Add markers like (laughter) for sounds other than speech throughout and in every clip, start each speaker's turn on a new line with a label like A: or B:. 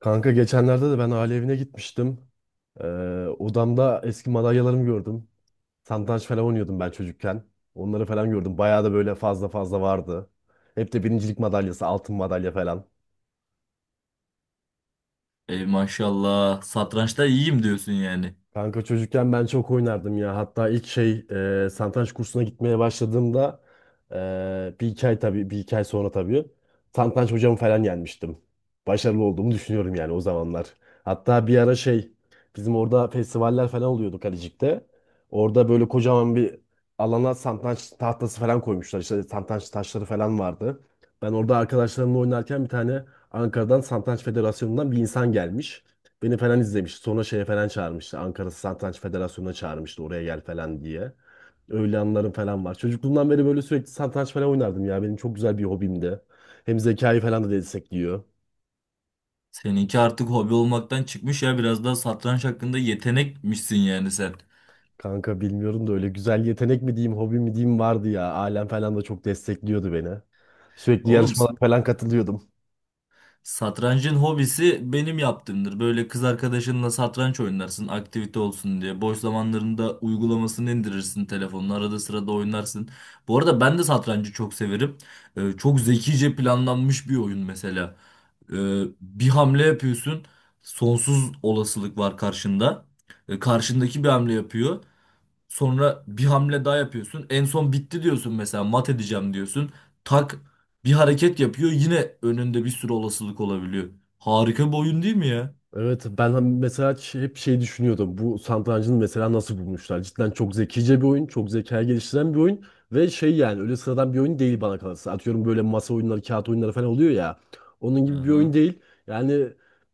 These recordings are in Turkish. A: Kanka geçenlerde de ben aile evine gitmiştim. Ee, odamda eski madalyalarımı gördüm. Satranç falan oynuyordum ben çocukken. Onları falan gördüm. Bayağı da böyle fazla fazla vardı. Hep de birincilik madalyası, altın madalya falan.
B: Ey maşallah. Satrançta iyiyim diyorsun yani.
A: Kanka çocukken ben çok oynardım ya. Hatta ilk şey satranç kursuna gitmeye başladığımda bir iki ay sonra tabii satranç hocamı falan yenmiştim. Başarılı olduğumu düşünüyorum yani o zamanlar. Hatta bir ara şey bizim orada festivaller falan oluyordu Kalecik'te. Orada böyle kocaman bir alana satranç tahtası falan koymuşlar. İşte satranç taşları falan vardı. Ben orada arkadaşlarımla oynarken bir tane Ankara'dan Satranç Federasyonu'ndan bir insan gelmiş. Beni falan izlemişti. Sonra şeye falan çağırmıştı. Ankara Satranç Federasyonu'na çağırmıştı oraya gel falan diye. Öyle anılarım falan var. Çocukluğumdan beri böyle sürekli satranç falan oynardım ya. Benim çok güzel bir hobimdi. Hem zekayı falan da destekliyor.
B: Seninki artık hobi olmaktan çıkmış ya. Biraz daha satranç hakkında yetenekmişsin yani sen.
A: Kanka bilmiyorum da öyle güzel yetenek mi diyeyim, hobi mi diyeyim vardı ya. Ailem falan da çok destekliyordu beni. Sürekli
B: Oğlum
A: yarışmalara falan katılıyordum.
B: satrancın hobisi benim yaptığımdır. Böyle kız arkadaşınla satranç oynarsın aktivite olsun diye. Boş zamanlarında uygulamasını indirirsin telefonuna. Arada sırada oynarsın. Bu arada ben de satrancı çok severim. Çok zekice planlanmış bir oyun mesela. Bir hamle yapıyorsun. Sonsuz olasılık var karşında. Karşındaki bir hamle yapıyor. Sonra bir hamle daha yapıyorsun. En son bitti diyorsun mesela mat edeceğim diyorsun. Tak bir hareket yapıyor. Yine önünde bir sürü olasılık olabiliyor. Harika bir oyun değil mi ya?
A: Evet ben hani mesela hep şey düşünüyordum. Bu satrancını mesela nasıl bulmuşlar? Cidden çok zekice bir oyun, çok zeka geliştiren bir oyun ve şey yani öyle sıradan bir oyun değil bana kalırsa. Atıyorum böyle masa oyunları, kağıt oyunları falan oluyor ya. Onun gibi bir oyun
B: Aha.
A: değil. Yani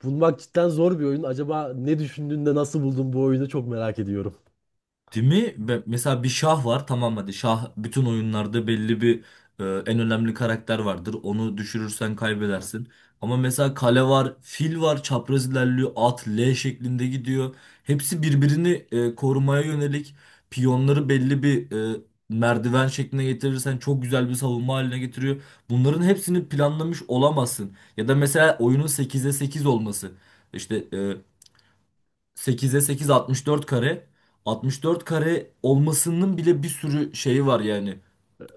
A: bulmak cidden zor bir oyun. Acaba ne düşündüğünde nasıl buldun bu oyunu çok merak ediyorum.
B: Değil mi? Ve mesela bir şah var, tamam, hadi şah bütün oyunlarda belli bir en önemli karakter vardır. Onu düşürürsen kaybedersin. Ama mesela kale var, fil var, çapraz ilerliyor, at L şeklinde gidiyor. Hepsi birbirini korumaya yönelik, piyonları belli bir e, merdiven şekline getirirsen çok güzel bir savunma haline getiriyor. Bunların hepsini planlamış olamazsın. Ya da mesela oyunun 8'e 8 olması. İşte 8'e 8 64 kare. 64 kare olmasının bile bir sürü şeyi var yani.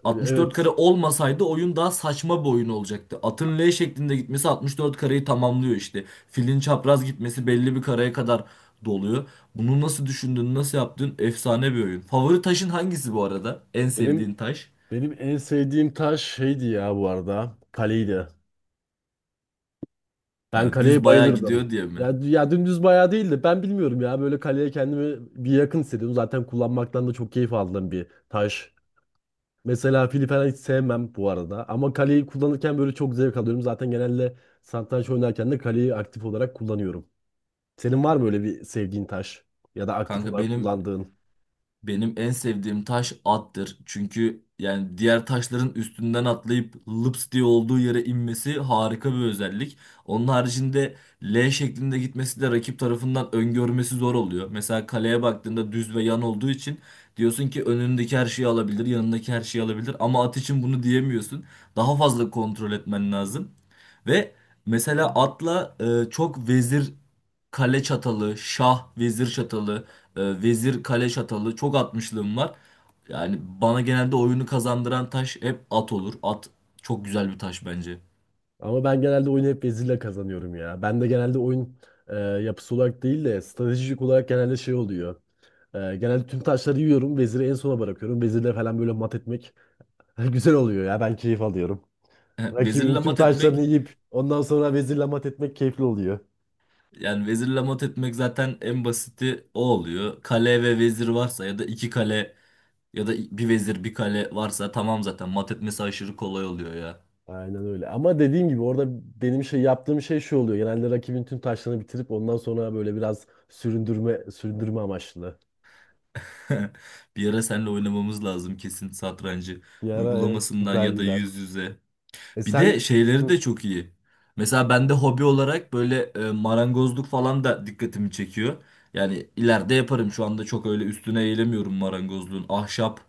B: 64 kare
A: Evet.
B: olmasaydı oyun daha saçma bir oyun olacaktı. Atın L şeklinde gitmesi 64 kareyi tamamlıyor işte. Filin çapraz gitmesi belli bir kareye kadar doluyor. Bunu nasıl düşündün, nasıl yaptın? Efsane bir oyun. Favori taşın hangisi bu arada? En
A: Benim
B: sevdiğin taş?
A: benim en sevdiğim taş şeydi ya bu arada. Kaleydi. Ben
B: Ha,
A: kaleye
B: düz bayağı
A: bayılırdım.
B: gidiyor diye mi?
A: Ya, ya dümdüz bayağı değildi. Ben bilmiyorum ya. Böyle kaleye kendimi bir yakın hissediyorum. Zaten kullanmaktan da çok keyif aldığım bir taş. Mesela fili falan hiç sevmem bu arada. Ama kaleyi kullanırken böyle çok zevk alıyorum. Zaten genelde satranç oynarken de kaleyi aktif olarak kullanıyorum. Senin var mı öyle bir sevdiğin taş? Ya da aktif
B: Kanka
A: olarak
B: benim
A: kullandığın?
B: Benim en sevdiğim taş attır. Çünkü yani diğer taşların üstünden atlayıp lıps diye olduğu yere inmesi harika bir özellik. Onun haricinde L şeklinde gitmesi de rakip tarafından öngörmesi zor oluyor. Mesela kaleye baktığında düz ve yan olduğu için diyorsun ki önündeki her şeyi alabilir, yanındaki her şeyi alabilir ama at için bunu diyemiyorsun. Daha fazla kontrol etmen lazım. Ve mesela atla çok vezir kale çatalı, şah vezir çatalı, vezir kale çatalı çok atmışlığım var. Yani bana genelde oyunu kazandıran taş hep at olur. At çok güzel bir taş bence.
A: Ama ben genelde oyunu hep vezirle kazanıyorum ya. Ben de genelde oyun yapısı olarak değil de stratejik olarak genelde şey oluyor. Genelde tüm taşları yiyorum. Veziri en sona bırakıyorum. Vezirle falan böyle mat etmek (laughs) güzel oluyor ya. Ben keyif alıyorum.
B: (laughs)
A: Rakibin
B: Vezirle
A: tüm
B: mat
A: taşlarını
B: etmek
A: yiyip ondan sonra vezirle mat etmek keyifli oluyor.
B: Yani vezirle mat etmek zaten en basiti o oluyor. Kale ve vezir varsa ya da iki kale ya da bir vezir bir kale varsa tamam zaten mat etmesi aşırı kolay oluyor ya.
A: Aynen öyle. Ama dediğim gibi orada benim şey yaptığım şey şu oluyor. Genelde rakibin tüm taşlarını bitirip ondan sonra böyle biraz süründürme süründürme amaçlı.
B: (laughs) Bir ara seninle oynamamız lazım kesin satrancı.
A: Bir ara evet
B: Uygulamasından
A: güzel
B: ya da
A: gider.
B: yüz yüze.
A: E
B: Bir
A: sen.
B: de şeyleri
A: Hı.
B: de çok iyi. Mesela bende hobi olarak böyle marangozluk falan da dikkatimi çekiyor. Yani ileride yaparım. Şu anda çok öyle üstüne eğilemiyorum marangozluğun. Ahşap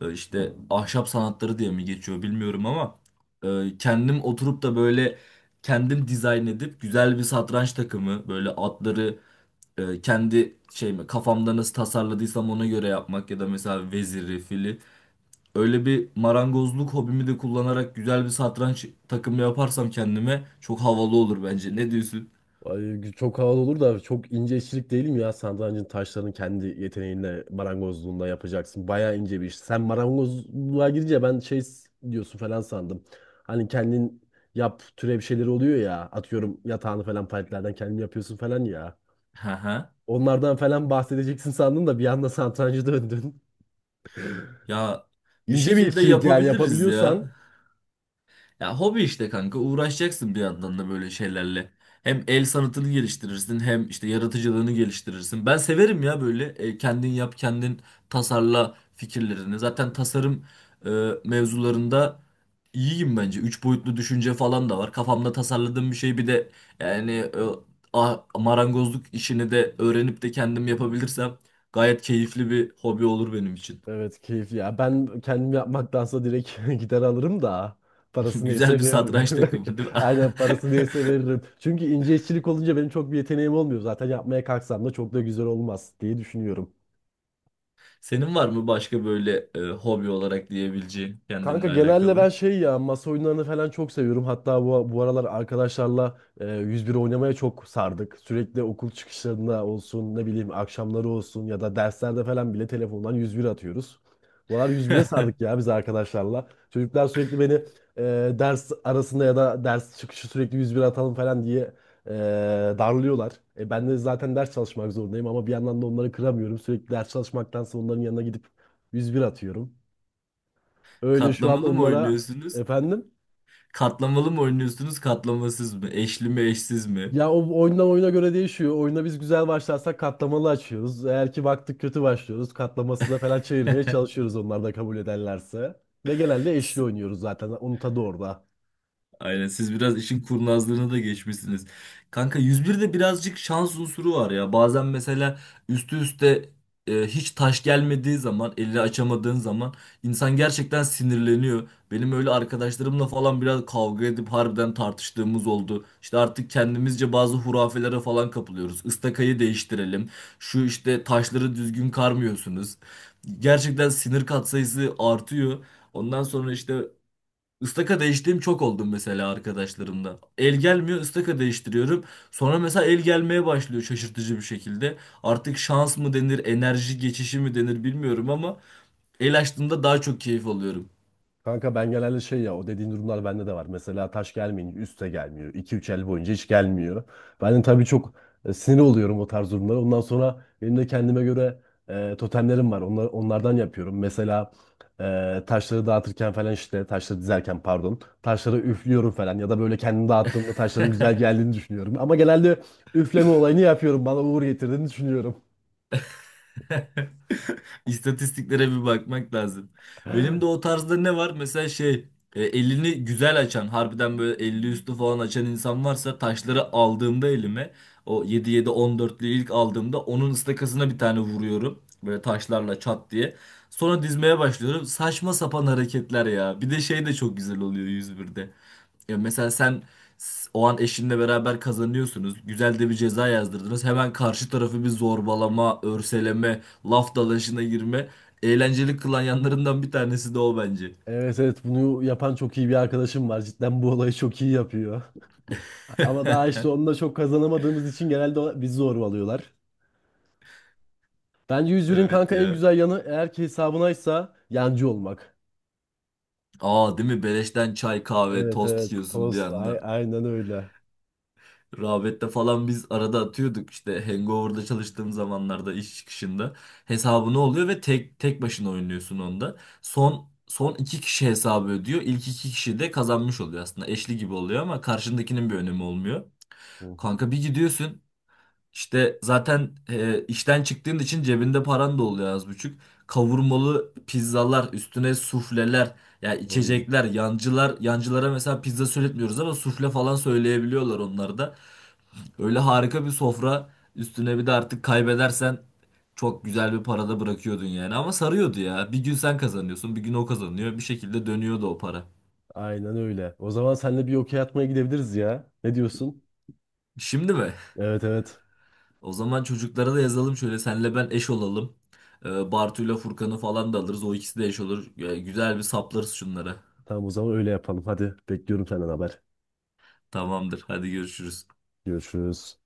B: işte ahşap sanatları diye mi geçiyor bilmiyorum ama kendim oturup da böyle kendim dizayn edip güzel bir satranç takımı, böyle atları kendi şeyimi kafamda nasıl tasarladıysam ona göre yapmak ya da mesela veziri, fili. Öyle bir marangozluk hobimi de kullanarak güzel bir satranç takımı yaparsam kendime çok havalı olur bence. Ne diyorsun?
A: Ay, çok havalı olur da çok ince işçilik değil mi ya? Satrancın taşlarını kendi yeteneğinle marangozluğunda yapacaksın. Bayağı ince bir iş. Sen marangozluğa girince ben şey diyorsun falan sandım. Hani kendin yap türe bir şeyler oluyor ya. Atıyorum yatağını falan paletlerden kendin yapıyorsun falan ya.
B: Hı hı.
A: Onlardan falan bahsedeceksin sandım da bir anda satrancı döndün.
B: Ya
A: (laughs)
B: bir
A: İnce bir
B: şekilde
A: işçilik yani
B: yapabiliriz ya.
A: yapabiliyorsan.
B: Ya hobi işte kanka, uğraşacaksın bir yandan da böyle şeylerle. Hem el sanatını geliştirirsin hem işte yaratıcılığını geliştirirsin. Ben severim ya böyle kendin yap, kendin tasarla fikirlerini. Zaten tasarım e, mevzularında iyiyim bence. Üç boyutlu düşünce falan da var. Kafamda tasarladığım bir şey, bir de yani marangozluk işini de öğrenip de kendim yapabilirsem gayet keyifli bir hobi olur benim için.
A: Evet keyifli ya. Ben kendim yapmaktansa direkt (laughs) gider alırım da
B: (laughs)
A: parası neyse
B: Güzel bir
A: veririm.
B: satranç
A: (laughs)
B: takımı değil mi?
A: Aynen parası
B: (laughs)
A: neyse veririm. Çünkü ince işçilik olunca benim çok bir yeteneğim olmuyor. Zaten yapmaya kalksam da çok da güzel olmaz diye düşünüyorum.
B: Senin var mı başka böyle hobi olarak diyebileceğin
A: Kanka
B: kendinle
A: genelde
B: alakalı?
A: ben şey ya masa oyunlarını falan çok seviyorum. Hatta bu aralar arkadaşlarla 101 oynamaya çok sardık. Sürekli okul çıkışlarında olsun ne bileyim akşamları olsun ya da derslerde falan bile telefondan 101 atıyoruz. Bu aralar 101'e sardık
B: (laughs)
A: ya biz arkadaşlarla. Çocuklar sürekli beni ders arasında ya da ders çıkışı sürekli 101 atalım falan diye e, darlıyorlar. Ben de zaten ders çalışmak zorundayım ama bir yandan da onları kıramıyorum. Sürekli ders çalışmaktansa onların yanına gidip 101 atıyorum. Öyle şu an
B: Katlamalı mı
A: onlara
B: oynuyorsunuz?
A: efendim.
B: Katlamalı mı oynuyorsunuz? Katlamasız mı? Eşli mi, eşsiz mi?
A: Ya o oyundan oyuna göre değişiyor. Oyuna biz güzel başlarsak katlamalı açıyoruz. Eğer ki baktık kötü başlıyoruz. Katlamasıza falan çevirmeye çalışıyoruz onlar da kabul ederlerse. Ve genelde eşli oynuyoruz zaten. Onun tadı orada.
B: Aynen, siz biraz işin kurnazlığına da geçmişsiniz. Kanka 101'de birazcık şans unsuru var ya. Bazen mesela üstü üste hiç taş gelmediği zaman, elini açamadığın zaman insan gerçekten sinirleniyor. Benim öyle arkadaşlarımla falan biraz kavga edip harbiden tartıştığımız oldu. İşte artık kendimizce bazı hurafelere falan kapılıyoruz. Istakayı değiştirelim. Şu işte taşları düzgün karmıyorsunuz. Gerçekten sinir katsayısı artıyor. Ondan sonra işte Istaka değiştiğim çok oldum mesela arkadaşlarımda. El gelmiyor, ıstaka değiştiriyorum. Sonra mesela el gelmeye başlıyor şaşırtıcı bir şekilde. Artık şans mı denir, enerji geçişi mi denir bilmiyorum ama el açtığımda daha çok keyif alıyorum.
A: Kanka ben genelde şey ya o dediğin durumlar bende de var. Mesela taş gelmeyince üste gelmiyor. İki üç el boyunca hiç gelmiyor. Ben de tabii çok sinir oluyorum o tarz durumlara. Ondan sonra benim de kendime göre totemlerim var. Onlardan yapıyorum. Mesela taşları dağıtırken falan işte taşları dizerken pardon. Taşları üflüyorum falan ya da böyle kendimi dağıttığımda taşların güzel geldiğini düşünüyorum. Ama genelde üfleme olayını yapıyorum. Bana uğur getirdiğini düşünüyorum.
B: (laughs) İstatistiklere bir bakmak lazım. Benim de o tarzda ne var? Mesela elini güzel açan, harbiden böyle 50 üstü falan açan insan varsa, taşları aldığımda elime o yedi yedi on 14'lü ilk aldığımda onun ıstakasına bir tane vuruyorum. Böyle taşlarla çat diye. Sonra dizmeye başlıyorum. Saçma sapan hareketler ya. Bir de şey de çok güzel oluyor 101'de. Ya mesela sen o an eşinle beraber kazanıyorsunuz. Güzel de bir ceza yazdırdınız. Hemen karşı tarafı bir zorbalama, örseleme, laf dalaşına girme. Eğlenceli kılan yanlarından bir tanesi de o bence.
A: Evet evet bunu yapan çok iyi bir arkadaşım var. Cidden bu olayı çok iyi yapıyor. Ama daha işte
B: (laughs)
A: onunla çok kazanamadığımız için genelde bizi zorbalıyorlar. Bence yüzünün
B: Evet
A: kanka en
B: ya.
A: güzel yanı eğer ki hesabınaysa yancı olmak.
B: Aa, değil mi? Beleşten çay, kahve,
A: Evet
B: tost
A: evet
B: yiyorsun bir
A: tost
B: anda.
A: aynen öyle.
B: Rağbette falan biz arada atıyorduk, işte Hangover'da çalıştığım zamanlarda iş çıkışında hesabını oluyor ve tek tek başına oynuyorsun onda. Son iki kişi hesabı ödüyor. İlk iki kişi de kazanmış oluyor aslında. Eşli gibi oluyor ama karşındakinin bir önemi olmuyor.
A: Hı hı.
B: Kanka bir gidiyorsun, işte zaten işten çıktığın için cebinde paran da oluyor az buçuk. Kavurmalı pizzalar üstüne sufleler ya,
A: Oy.
B: içecekler, yancılar. Yancılara mesela pizza söyletmiyoruz ama sufle falan söyleyebiliyorlar onlar da. Böyle harika bir sofra, üstüne bir de artık kaybedersen çok güzel bir parada bırakıyordun yani. Ama sarıyordu ya. Bir gün sen kazanıyorsun, bir gün o kazanıyor. Bir şekilde dönüyordu o para.
A: Aynen öyle. O zaman seninle bir okey atmaya gidebiliriz ya. Ne diyorsun?
B: Şimdi mi?
A: Evet evet.
B: O zaman çocuklara da yazalım, şöyle senle ben eş olalım. Bartu'yla Furkan'ı falan da alırız. O ikisi de eş olur. Güzel bir saplarız şunlara.
A: Tamam o zaman öyle yapalım. Hadi bekliyorum senden haber.
B: Tamamdır. Hadi görüşürüz.
A: Görüşürüz.